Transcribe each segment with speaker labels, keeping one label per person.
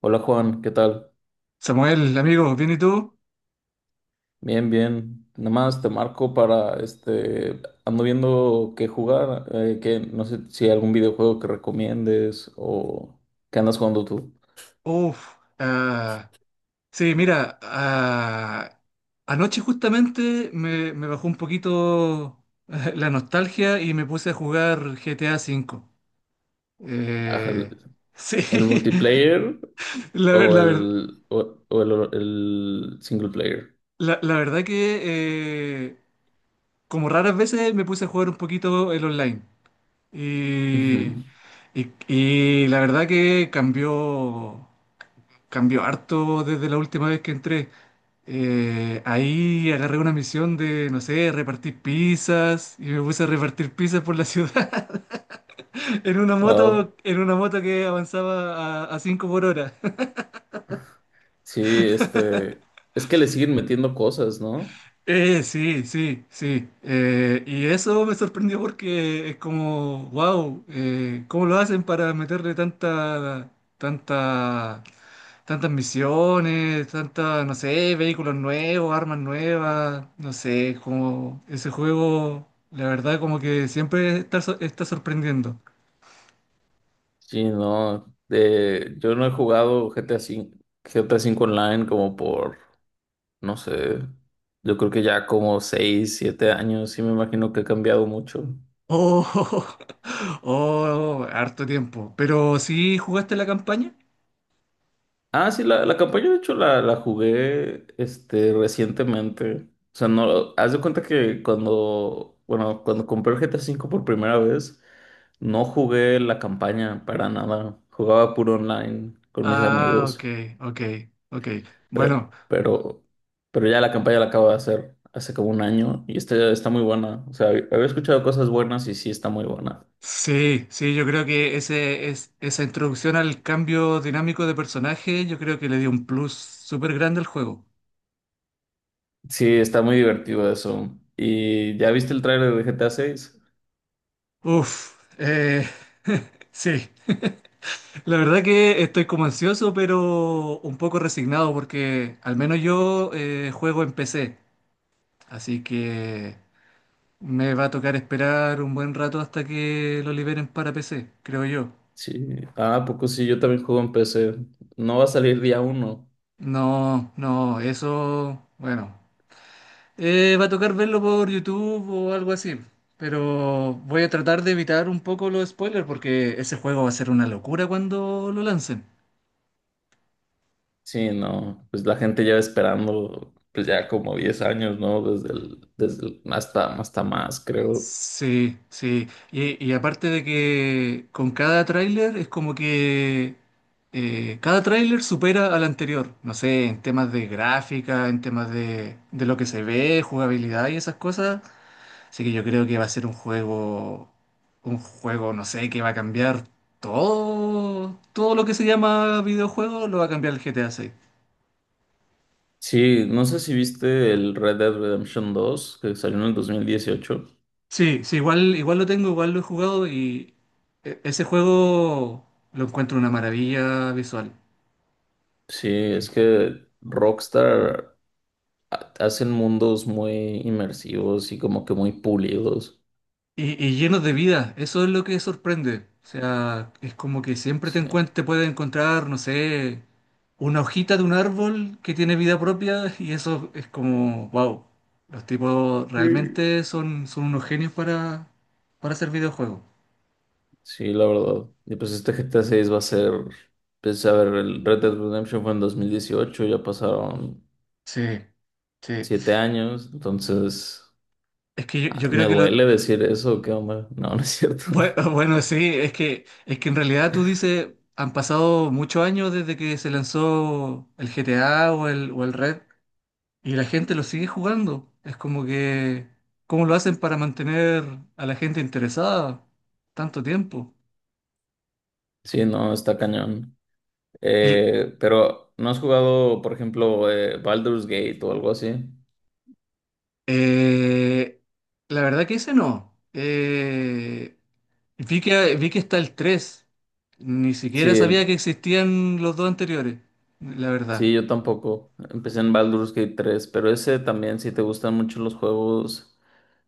Speaker 1: Hola Juan, ¿qué tal?
Speaker 2: Samuel, amigo, ¿bien y tú?
Speaker 1: Bien, bien. Nada más te marco para, ando viendo qué jugar, que no sé si hay algún videojuego que recomiendes o qué andas jugando tú.
Speaker 2: Uf, ah, sí, mira, anoche justamente me bajó un poquito la nostalgia y me puse a jugar GTA V.
Speaker 1: Ajá,
Speaker 2: Eh,
Speaker 1: ¿El
Speaker 2: sí,
Speaker 1: el multiplayer
Speaker 2: la, ver- la ver-
Speaker 1: o el single player?
Speaker 2: la verdad que eh, como raras veces me puse a jugar un poquito el online. Y,
Speaker 1: Ujú.
Speaker 2: y la verdad que cambió, cambió harto desde la última vez que entré. Ahí agarré una misión de, no sé, repartir pizzas y me puse a repartir pizzas por la ciudad
Speaker 1: Wow.
Speaker 2: en una moto que avanzaba a, 5 por hora.
Speaker 1: Sí, es que le siguen metiendo cosas, ¿no?
Speaker 2: Sí, sí, sí. Y eso me sorprendió porque es como, wow, ¿cómo lo hacen para meterle tanta, tantas misiones, tantas, no sé, vehículos nuevos, armas nuevas, no sé, como ese juego, la verdad, como que siempre está, está sorprendiendo.
Speaker 1: Sí, no. Yo no he jugado GTA V, GTA cinco G T A cinco Online como por, no sé. Yo creo que ya como 6, 7 años, sí me imagino que ha cambiado mucho.
Speaker 2: Oh, oh, harto tiempo. Pero sí jugaste la campaña.
Speaker 1: Ah, sí, la campaña de hecho la jugué recientemente. O sea, no, haz de cuenta que cuando, bueno, cuando compré el GTA V por primera vez, no jugué la campaña para nada. Jugaba puro online con mis
Speaker 2: Ah, ok,
Speaker 1: amigos.
Speaker 2: ok, ok.
Speaker 1: Pero,
Speaker 2: Bueno.
Speaker 1: pero, pero ya la campaña la acabo de hacer hace como un año y está muy buena. O sea, había escuchado cosas buenas y sí está muy buena.
Speaker 2: Sí, sí, yo creo que esa introducción al cambio dinámico de personaje, yo creo que le dio un plus súper grande al juego.
Speaker 1: Sí, está muy divertido eso. ¿Y ya viste el tráiler de GTA 6?
Speaker 2: Uf, sí, la verdad que estoy como ansioso, pero un poco resignado porque al menos yo juego en PC, así que me va a tocar esperar un buen rato hasta que lo liberen para PC, creo yo.
Speaker 1: Sí. Ah, ¿a poco sí? Yo también juego en PC. No va a salir día uno.
Speaker 2: No, no, eso, bueno. Va a tocar verlo por YouTube o algo así. Pero voy a tratar de evitar un poco los spoilers porque ese juego va a ser una locura cuando lo lancen.
Speaker 1: Sí, no. Pues la gente lleva esperando, pues ya como 10 años, ¿no? Hasta más, creo.
Speaker 2: Sí, sí. Y aparte de que con cada tráiler es como que cada tráiler supera al anterior. No sé, en temas de gráfica, en temas de lo que se ve, jugabilidad y esas cosas. Así que yo creo que va a ser un juego, no sé, que va a cambiar todo, todo lo que se llama videojuego, lo va a cambiar el GTA 6.
Speaker 1: Sí, no sé si viste el Red Dead Redemption 2, que salió en el 2018.
Speaker 2: Sí, sí, igual, igual lo tengo, igual lo he jugado y ese juego lo encuentro una maravilla visual.
Speaker 1: Sí, es que Rockstar hacen mundos muy inmersivos y como que muy pulidos.
Speaker 2: Y llenos de vida, eso es lo que sorprende. O sea, es como que siempre te te puedes encontrar, no sé, una hojita de un árbol que tiene vida propia y eso es como, wow, los tipos
Speaker 1: Sí.
Speaker 2: realmente son, unos genios para hacer videojuegos.
Speaker 1: Sí, la verdad. Y pues este GTA 6 va a ser, pues a ver, el Red Dead Redemption fue en 2018, ya pasaron
Speaker 2: Sí, sí.
Speaker 1: 7 años, entonces
Speaker 2: Es que yo, yo
Speaker 1: me
Speaker 2: creo que lo...
Speaker 1: duele decir eso, qué onda. No, no es cierto.
Speaker 2: Bueno, sí, es que en realidad tú dices, han pasado muchos años desde que se lanzó el GTA o el Red. Y la gente lo sigue jugando. Es como que, ¿cómo lo hacen para mantener a la gente interesada tanto tiempo?
Speaker 1: Sí, no, está cañón.
Speaker 2: Y
Speaker 1: Pero, ¿no has jugado, por ejemplo, Baldur's Gate o algo así?
Speaker 2: eh, la verdad que ese no. Vi que está el 3. Ni siquiera
Speaker 1: Sí,
Speaker 2: sabía que existían los dos anteriores. La verdad.
Speaker 1: sí, yo tampoco. Empecé en Baldur's Gate 3, pero ese también, si te gustan mucho los juegos,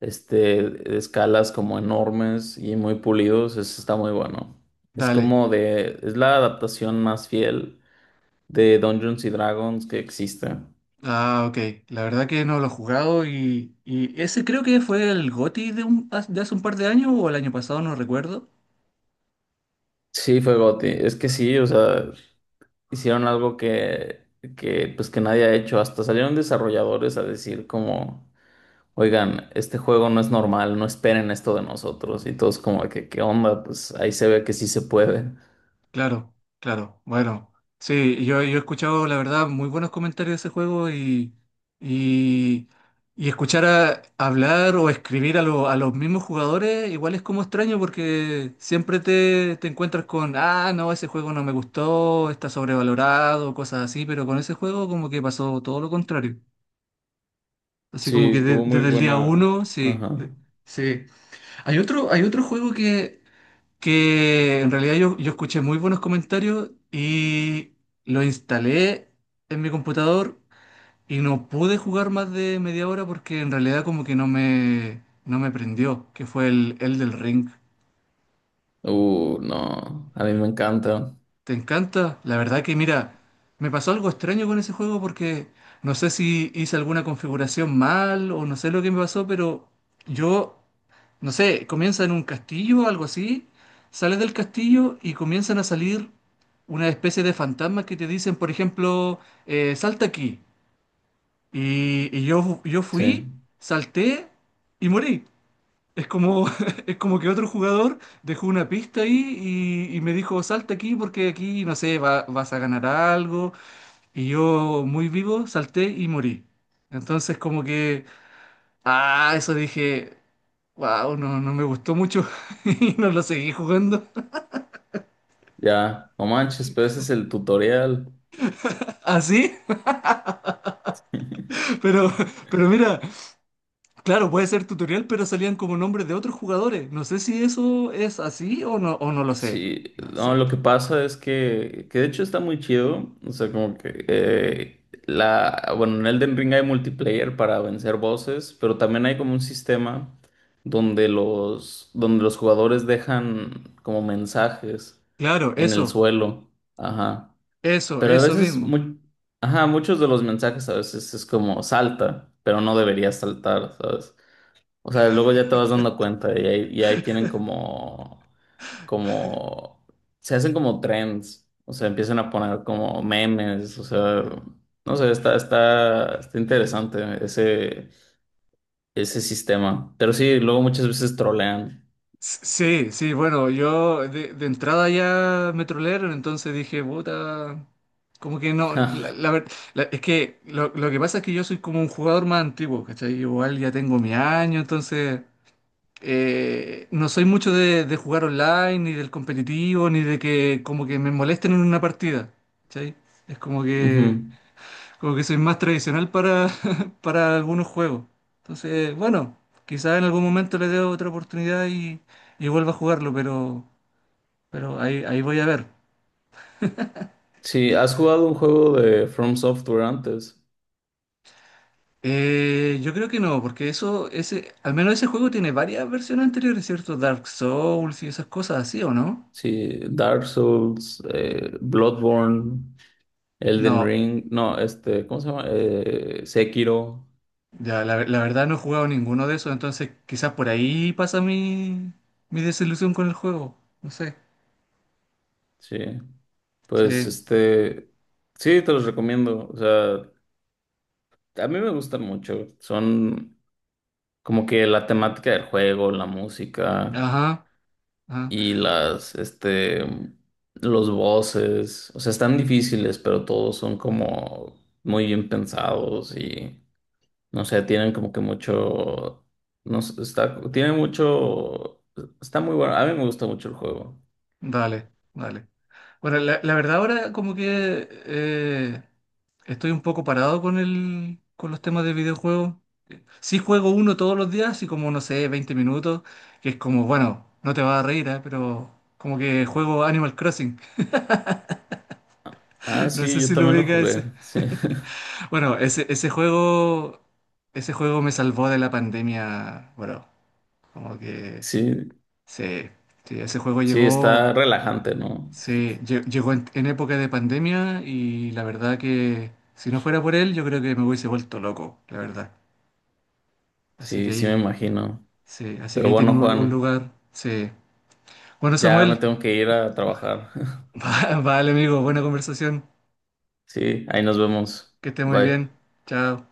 Speaker 1: de escalas como enormes y muy pulidos, eso está muy bueno. Es
Speaker 2: Dale.
Speaker 1: como de, es la adaptación más fiel de Dungeons y Dragons que existe.
Speaker 2: Ah, ok. La verdad que no lo he jugado y ese creo que fue el GOTY de hace un par de años o el año pasado, no recuerdo.
Speaker 1: Sí, fue GOTY. Es que sí, o sea, hicieron algo que, pues que nadie ha hecho. Hasta salieron desarrolladores a decir como, oigan, este juego no es normal, no esperen esto de nosotros. Y todos como que, ¿qué onda? Pues ahí se ve que sí se puede.
Speaker 2: Claro, claro. Bueno, sí, yo he escuchado, la verdad, muy buenos comentarios de ese juego y, y escuchar hablar o escribir a los mismos jugadores igual es como extraño porque siempre te encuentras con, ah, no, ese juego no me gustó, está sobrevalorado, cosas así, pero con ese juego como que pasó todo lo contrario. Así como que
Speaker 1: Sí, tuvo muy
Speaker 2: desde el día
Speaker 1: buena.
Speaker 2: uno, sí,
Speaker 1: Ajá.
Speaker 2: sí. Hay otro juego que en realidad yo escuché muy buenos comentarios y lo instalé en mi computador y no pude jugar más de media hora porque en realidad como que no me prendió, que fue el del Ring.
Speaker 1: No, a mí me encanta.
Speaker 2: ¿Te encanta? La verdad que mira, me pasó algo extraño con ese juego porque no sé si hice alguna configuración mal o no sé lo que me pasó, pero yo, no sé, comienza en un castillo o algo así, sales del castillo y comienzan a salir una especie de fantasmas que te dicen, por ejemplo, salta aquí. Y yo fui,
Speaker 1: Sí,
Speaker 2: salté y morí. Es como, es como que otro jugador dejó una pista ahí y me dijo, salta aquí porque aquí, no sé, vas a ganar algo. Y yo, muy vivo, salté y morí. Entonces como que, ah, eso dije, wow, no, no me gustó mucho y no lo seguí jugando
Speaker 1: ya, no manches, pero ese es el tutorial.
Speaker 2: así. Pero, pero mira, claro, puede ser tutorial, pero salían como nombres de otros jugadores. No sé si eso es así o no, lo sé.
Speaker 1: Sí,
Speaker 2: No
Speaker 1: no,
Speaker 2: sé.
Speaker 1: lo que pasa es que, de hecho está muy chido. O sea, como que bueno, en Elden Ring hay multiplayer para vencer bosses, pero también hay como un sistema donde donde los jugadores dejan como mensajes
Speaker 2: Claro,
Speaker 1: en el
Speaker 2: eso,
Speaker 1: suelo. Ajá.
Speaker 2: eso,
Speaker 1: Pero a
Speaker 2: eso
Speaker 1: veces,
Speaker 2: mismo.
Speaker 1: ajá, muchos de los mensajes a veces es como salta, pero no deberías saltar, ¿sabes? O sea, luego ya te vas dando cuenta y ahí tienen como, se hacen como trends, o sea, empiezan a poner como memes, o sea, no sé, está interesante ese sistema. Pero sí, luego muchas veces trolean.
Speaker 2: Sí, sí, bueno, yo de entrada ya me trolearon, entonces dije, puta, como que no, es que lo que pasa es que yo soy como un jugador más antiguo, ¿cachai? Igual ya tengo mi año, entonces no soy mucho de jugar online, ni del competitivo, ni de que como que me molesten en una partida, ¿cachai? Es como que...
Speaker 1: Ujú.
Speaker 2: Como que soy más tradicional para, para algunos juegos. Entonces, bueno, quizás en algún momento le dé otra oportunidad y, vuelva a jugarlo, pero, ahí voy a ver.
Speaker 1: Sí, ¿has jugado un juego de From Software antes?
Speaker 2: Yo creo que no, porque al menos ese juego tiene varias versiones anteriores, ¿cierto? Dark Souls y esas cosas así, ¿o no?
Speaker 1: Sí, Dark Souls, Bloodborne, Elden
Speaker 2: No,
Speaker 1: Ring, no, ¿cómo se llama? Sekiro,
Speaker 2: ya, la verdad no he jugado ninguno de esos, entonces quizás por ahí pasa mi desilusión con el juego. No sé.
Speaker 1: sí. Pues
Speaker 2: Sí.
Speaker 1: sí, te los recomiendo. O sea, a mí me gustan mucho. Son como que la temática del juego, la música
Speaker 2: Ajá, ajá.
Speaker 1: y los voces. O sea, están difíciles, pero todos son como muy bien pensados y no sé, tienen como que mucho, no sé, tiene mucho, está muy bueno. A mí me gusta mucho el juego.
Speaker 2: Dale, dale. Bueno, la verdad ahora como que estoy un poco parado con los temas de videojuegos. Sí juego uno todos los días, y como no sé, 20 minutos, que es como, bueno, no te vas a reír, ¿eh? Pero como que juego Animal Crossing.
Speaker 1: Ah,
Speaker 2: No
Speaker 1: sí,
Speaker 2: sé
Speaker 1: yo
Speaker 2: si lo
Speaker 1: también lo
Speaker 2: ubica ese.
Speaker 1: jugué. Sí,
Speaker 2: Bueno, ese juego me salvó de la pandemia, bueno, como que
Speaker 1: sí,
Speaker 2: sí, sí, ese juego
Speaker 1: sí,
Speaker 2: llegó.
Speaker 1: está relajante, ¿no?
Speaker 2: Sí, llegó en, época de pandemia y la verdad que si no fuera por él, yo creo que me hubiese vuelto loco, la verdad. Así que
Speaker 1: Sí, sí me
Speaker 2: ahí,
Speaker 1: imagino.
Speaker 2: sí, así que
Speaker 1: Pero
Speaker 2: ahí tiene
Speaker 1: bueno,
Speaker 2: un
Speaker 1: Juan,
Speaker 2: lugar, sí. Bueno,
Speaker 1: ya me
Speaker 2: Samuel,
Speaker 1: tengo que ir a trabajar.
Speaker 2: vale amigo, buena conversación,
Speaker 1: Sí, ahí nos vemos.
Speaker 2: que esté muy bien,
Speaker 1: Bye.
Speaker 2: chao.